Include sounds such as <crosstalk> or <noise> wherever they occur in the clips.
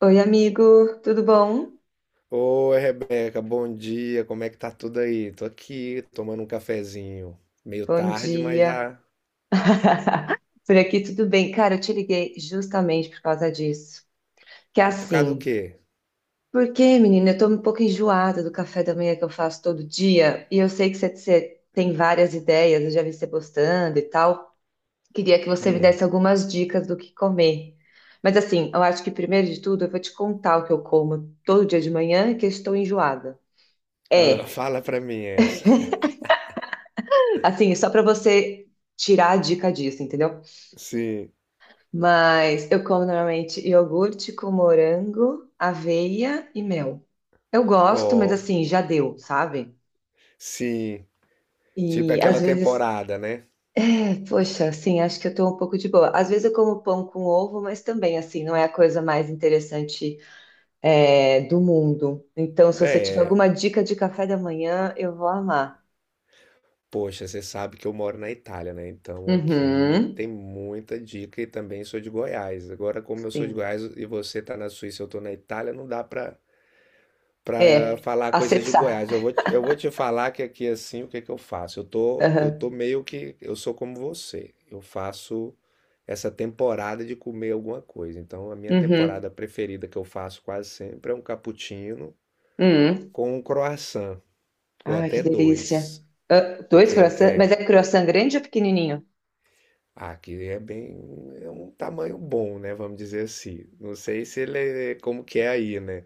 Oi, amigo, tudo bom? Oi, Rebeca, bom dia. Como é que tá tudo aí? Tô aqui tomando um cafezinho. Meio Bom tarde, mas dia. já. <laughs> Por aqui tudo bem. Cara, eu te liguei justamente por causa disso. Que é Por causa do assim, quê? porque, menina, eu tô um pouco enjoada do café da manhã que eu faço todo dia e eu sei que você tem várias ideias, eu já vi você postando e tal. Queria que você me Hum. desse algumas dicas do que comer. Mas assim, eu acho que primeiro de tudo eu vou te contar o que eu como todo dia de manhã, que eu estou enjoada. Ah, <laughs> É, fala pra mim essa. <laughs> assim, só para você tirar a dica disso, entendeu? Sim, Mas eu como normalmente iogurte com morango, aveia e mel. Eu gosto, mas ó, assim, já deu, sabe? sim. Tipo é E às aquela vezes, temporada, né? é, poxa, assim, acho que eu tô um pouco de boa. Às vezes eu como pão com ovo, mas também, assim, não é a coisa mais interessante, é, do mundo. Então, se você tiver É, alguma dica de café da manhã, eu vou amar. poxa, você sabe que eu moro na Itália, né? Então aqui Uhum, tem muita dica e também sou de Goiás. Agora, como eu sou de sim. Goiás e você tá na Suíça, e eu tô na Itália, não dá pra para É, falar coisas de acessar. Goiás. Eu vou te falar que aqui assim, o que que eu faço? Eu <laughs> tô, eu tô Aham. meio que, eu sou como você. Eu faço essa temporada de comer alguma coisa. Então, a minha Uhum. temporada preferida que eu faço quase sempre é um cappuccino Uhum. com um croissant, ou Ai, que até delícia. dois, Ah, dois porque croissants, mas é. é croissant grande ou pequenininho? Aqui é bem, é um tamanho bom, né? Vamos dizer assim. Não sei se ele é como que é aí, né?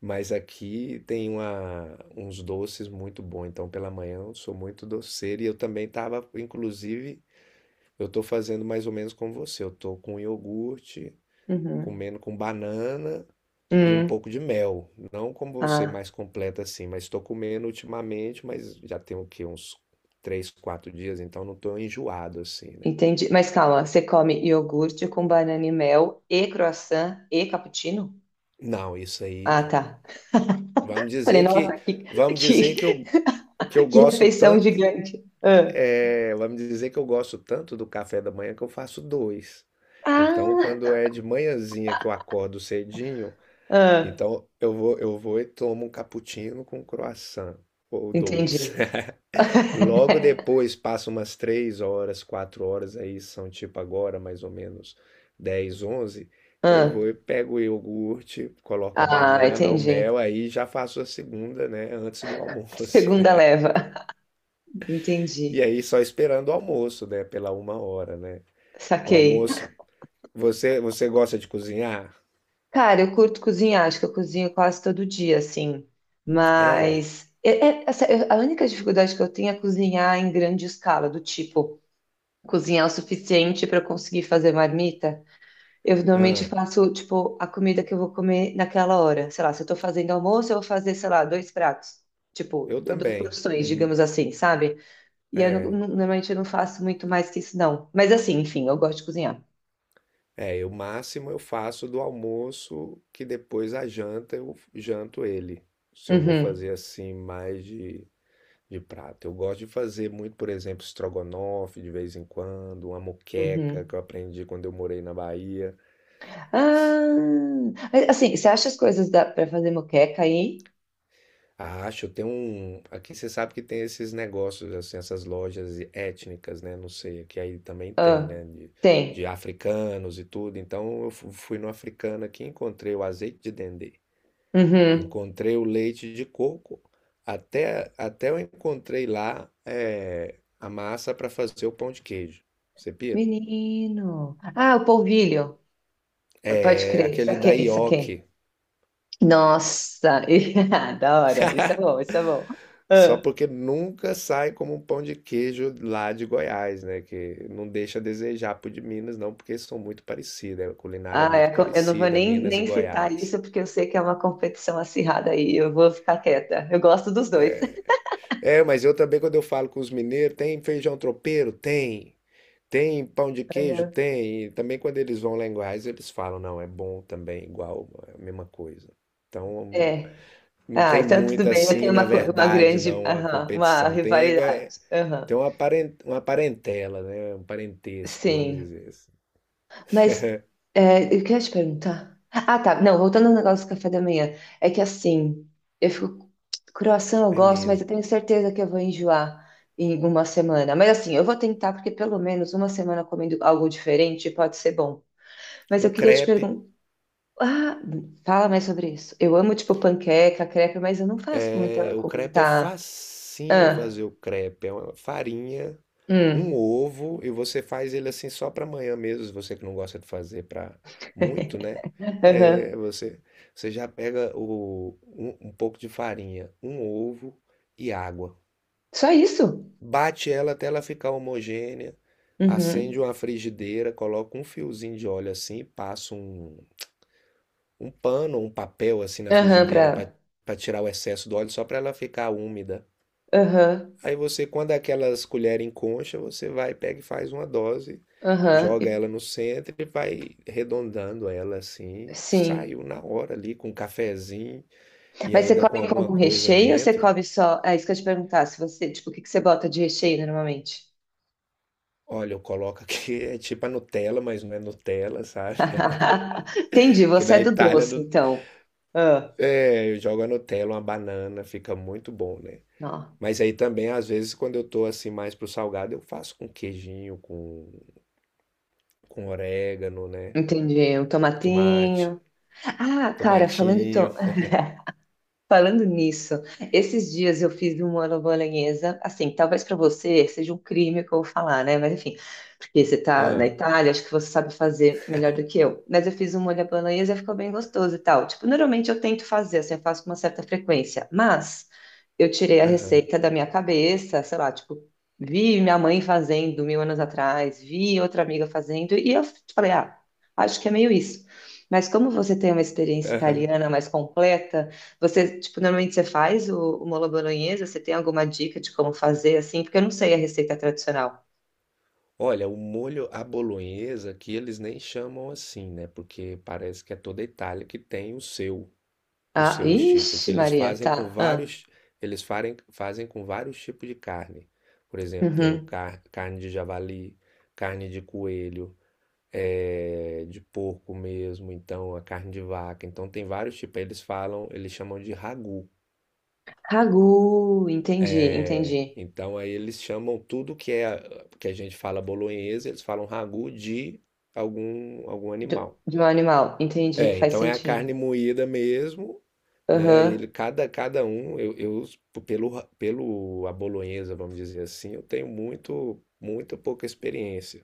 Mas aqui tem uma, uns doces muito bons. Então, pela manhã eu sou muito doceiro. E eu também estava, inclusive, eu estou fazendo mais ou menos como você. Eu estou com iogurte, Uhum. comendo com banana e um Hum, pouco de mel. Não como você, ah, mais completa assim. Mas estou comendo ultimamente, mas já tem o quê? Uns três, quatro dias. Então, não estou enjoado assim, né? entendi. Mas calma, você come iogurte com banana e mel e croissant e cappuccino? Não, isso aí Ah, não. tá. Vamos Falei, dizer que, nossa, vamos dizer que que, que eu que gosto refeição tanto. gigante. É, ela me dizer que eu gosto tanto do café da manhã que eu faço dois. Então, quando ah, é de manhãzinha que eu acordo cedinho, ah, então eu vou e tomo um cappuccino com croissant, ou dois. entendi. <laughs> Logo <laughs> depois, passa umas três horas, quatro horas, aí são tipo agora, mais ou menos 10, 11. Eu Ah, vou e pego o iogurte, coloco a ah, banana, o mel, entendi. aí já faço a segunda, né, antes do A almoço. segunda <laughs> leva. E Entendi. aí só esperando o almoço, né, pela uma hora, né? O Saquei. almoço. Você gosta de cozinhar? Cara, eu curto cozinhar, acho que eu cozinho quase todo dia, assim. É. Mas a única dificuldade que eu tenho é cozinhar em grande escala, do tipo, cozinhar o suficiente para eu conseguir fazer marmita. Eu normalmente Ah, faço, tipo, a comida que eu vou comer naquela hora. Sei lá, se eu tô fazendo almoço, eu vou fazer, sei lá, dois pratos. Tipo, eu duas também. porções, Hum. digamos assim, sabe? E eu, É. Normalmente eu não faço muito mais que isso, não. Mas assim, enfim, eu gosto de cozinhar. É, eu máximo eu faço do almoço que depois a janta eu janto ele. Se eu vou Uhum, fazer assim mais de prato. Eu gosto de fazer muito, por exemplo, estrogonofe de vez em quando, uma moqueca uhum. que eu aprendi quando eu morei na Bahia. Ah, mas, assim, você acha as coisas da, pra fazer moqueca aí? Acho, tem um. Aqui você sabe que tem esses negócios, assim, essas lojas étnicas, né? Não sei, que aí também tem, Ah, né? De tem. africanos e tudo. Então eu fui no africano aqui, encontrei o azeite de dendê, Uhum. encontrei o leite de coco, até eu encontrei lá é, a massa para fazer o pão de queijo. Você pira? Menino. Ah, o polvilho. Pode É, crer. aquele da Saquei, saquei. ioki. Nossa, <laughs> ah, da hora. Isso é bom, isso é bom. Só Ah, porque nunca sai como um pão de queijo lá de Goiás, né? Que não deixa a desejar pro de Minas, não, porque são muito parecidos, né, a culinária é ah, muito eu não vou parecida, nem, Minas e nem citar Goiás. isso porque eu sei que é uma competição acirrada aí. Eu vou ficar quieta. Eu gosto dos dois. <laughs> É, mas eu também, quando eu falo com os mineiros, tem feijão tropeiro? Tem. Tem pão de queijo? Tem. E também quando eles vão lá em Goiás, eles falam, não, é bom também, igual, é a mesma coisa. Então, É. não Ah, tem então tudo muito bem. Eu assim, tenho na uma, uma verdade, grande, não, a aham, uma competição. Tem é, rivalidade. Aham. tem uma uma parentela, né? Um parentesco, vamos Sim. dizer assim. Mas é, eu queria te perguntar. Ah, tá. Não, voltando ao negócio do café da manhã. É que assim, eu fico. Croissant eu É gosto, mas eu mesmo. tenho certeza que eu vou enjoar em uma semana. Mas assim, eu vou tentar, porque pelo menos uma semana comendo algo diferente pode ser bom. Mas eu Um queria te crepe. perguntar. Ah, fala mais sobre isso. Eu amo, tipo, panqueca, crepe, mas eu não faço com É... muita. O Com crepe é muita... facinho Ah, fazer o crepe. É uma farinha, um hum, ovo, e você faz ele assim só para amanhã mesmo, se você que não gosta de fazer para muito, né? <laughs> aham. É, você já pega um pouco de farinha, um ovo e água. Só isso? Bate ela até ela ficar homogênea. Acende Uhum. uma frigideira, coloca um fiozinho de óleo assim, passa um pano, um papel assim na Aham, pra. frigideira para tirar o excesso do óleo só para ela ficar úmida. Aham, Aí você, quando aquelas colheres em concha, você vai, pega e faz uma dose, aham. joga ela no centro e vai arredondando ela assim. Sim. Saiu na hora ali com um cafezinho e Mas você ainda com come com alguma algum coisa recheio ou você dentro. come só? É isso que eu te perguntar, se você, tipo, o que que você bota de recheio normalmente? Olha, eu coloco aqui, <laughs> é tipo a Nutella, mas não é Nutella, sabe? <laughs> <laughs> Entendi, Que você da é do Itália, doce, então. Ah, é, eu jogo a Nutella, uma banana, fica muito bom, né? ó, Mas aí também, às vezes, quando eu tô assim mais pro salgado, eu faço com queijinho, com orégano, né? entendi. Um Tomate, tomatinho. Ah, cara, falando tomatinho. então falando nisso, esses dias eu fiz uma bolonhesa, assim, talvez para você seja um crime o que eu vou falar, né? Mas enfim, porque você tá na Ah, Itália, acho que você sabe fazer melhor do que eu. Mas eu fiz um molho à bolonhesa e ficou bem gostoso e tal. Tipo, normalmente eu tento fazer, assim, eu faço com uma certa frequência, mas eu tirei a aham, receita da minha cabeça, sei lá, tipo, vi minha mãe fazendo mil anos atrás, vi outra amiga fazendo, e eu falei, ah, acho que é meio isso. Mas como você tem uma experiência aham. italiana mais completa, você, tipo, normalmente você faz o molho bolonhesa? Você tem alguma dica de como fazer assim? Porque eu não sei a receita tradicional. Olha, o molho à bolonhesa que eles nem chamam assim, né? Porque parece que é toda a Itália que tem o Ah, seu estilo, porque ixi, eles Maria, fazem tá. com Ah, vários, fazem com vários tipos de carne. Por exemplo, tem o uhum. Carne de javali, carne de coelho, é, de porco mesmo, então a carne de vaca. Então tem vários tipos. Aí eles falam, eles chamam de ragu. Ragu, entendi, É, entendi. então aí eles chamam tudo que é que a gente fala bolonhesa, eles falam ragu de algum animal. De, um animal, entendi, É, faz então é a carne sentido. moída mesmo, né? E Aham, ele cada um eu pelo a bolonhesa, vamos dizer assim, eu tenho muito pouca experiência.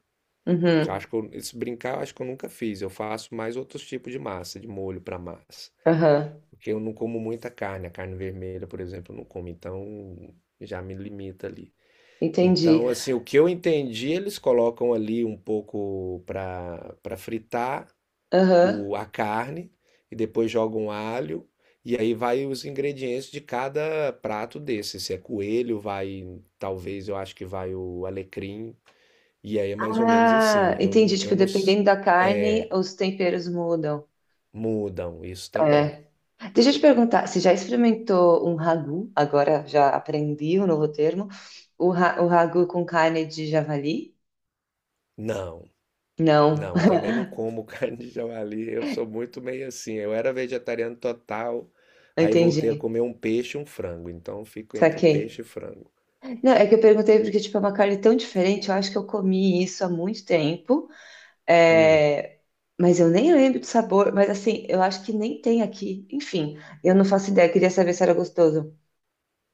Eu uhum, acho que eu, se brincar, eu acho que eu nunca fiz. Eu faço mais outros tipos de massa, de molho para massa. aham, Porque eu não como muita carne, a carne vermelha, por exemplo, eu não como, então já me limita ali. entendi. Então, assim, o que eu entendi, eles colocam ali um pouco para fritar Aham. a carne e depois jogam alho e aí vai os ingredientes de cada prato desse. Se é coelho, vai, talvez eu acho que vai o alecrim. E aí é mais ou menos assim. Ah, entendi. Eu Tipo, não, dependendo da carne, os temperos mudam. Mudam, isso também. É. Deixa eu te perguntar, você já experimentou um ragu? Agora já aprendi um novo termo. O, o ragu com carne de javali? Não, Não, não, também não como <laughs> carne de javali. Eu sou muito meio assim. Eu era vegetariano total, <laughs> aí voltei a entendi. comer um peixe e um frango. Então fico entre Saquei. peixe e frango. Não, é que eu perguntei porque, tipo, é uma carne tão diferente. Eu acho que eu comi isso há muito tempo. Hum, É, mas eu nem lembro do sabor. Mas, assim, eu acho que nem tem aqui. Enfim, eu não faço ideia. Queria saber se era gostoso.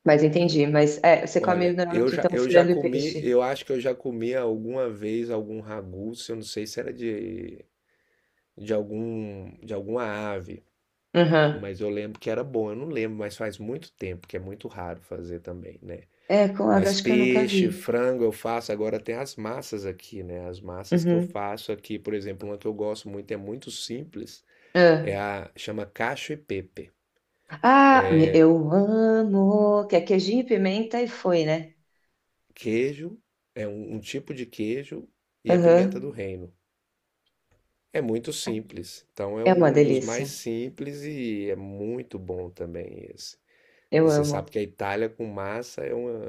Mas entendi. Mas, é, você come olha, normalmente, então, eu já frango e comi, peixe. eu acho que eu já comi alguma vez algum ragu, se eu não sei se era de algum, de alguma ave. Uhum. Mas eu lembro que era bom, eu não lembro, mas faz muito tempo, que é muito raro fazer também, né? É, com ave, Mas acho que eu nunca vi. peixe, frango eu faço. Agora tem as massas aqui, né? As massas que eu Uhum. faço aqui, por exemplo, uma que eu gosto muito, é muito simples, Ah, é a chama cacho e pepe. ah, eu amo. Que é queijinho, pimenta e foi, né? Queijo é um tipo de queijo e a pimenta do Aham. reino. É muito simples. Então é É uma um dos mais delícia. simples e é muito bom também esse. Eu E você amo. sabe que a Itália com massa é uma.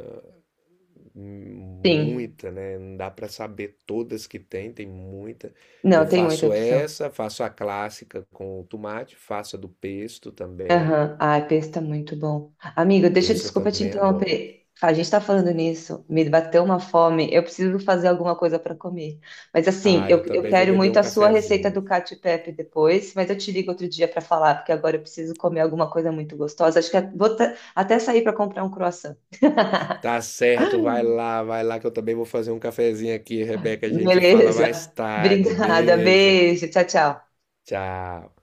Sim. Muita, né? Não dá para saber todas que tem, tem muita. Não, Eu tem muita faço opção. essa, faço a clássica com o tomate, faço a do pesto também. Aham. Ai, pesto é muito bom. Amigo, deixa, Pesto eu desculpa te também adoro. interromper. A gente tá falando nisso, me bateu uma fome, eu preciso fazer alguma coisa para comer. Mas assim, Ah, eu, eu eu também vou quero beber muito um a sua receita cafezinho. do Cacio e Pepe depois, mas eu te ligo outro dia para falar, porque agora eu preciso comer alguma coisa muito gostosa. Acho que é, vou até sair para comprar um croissant. Tá certo, vai lá que eu também vou fazer um cafezinho aqui, Rebeca. A gente fala mais Beleza. <laughs> tarde. Obrigada. Beijo, Beijo. Tchau, tchau. tchau.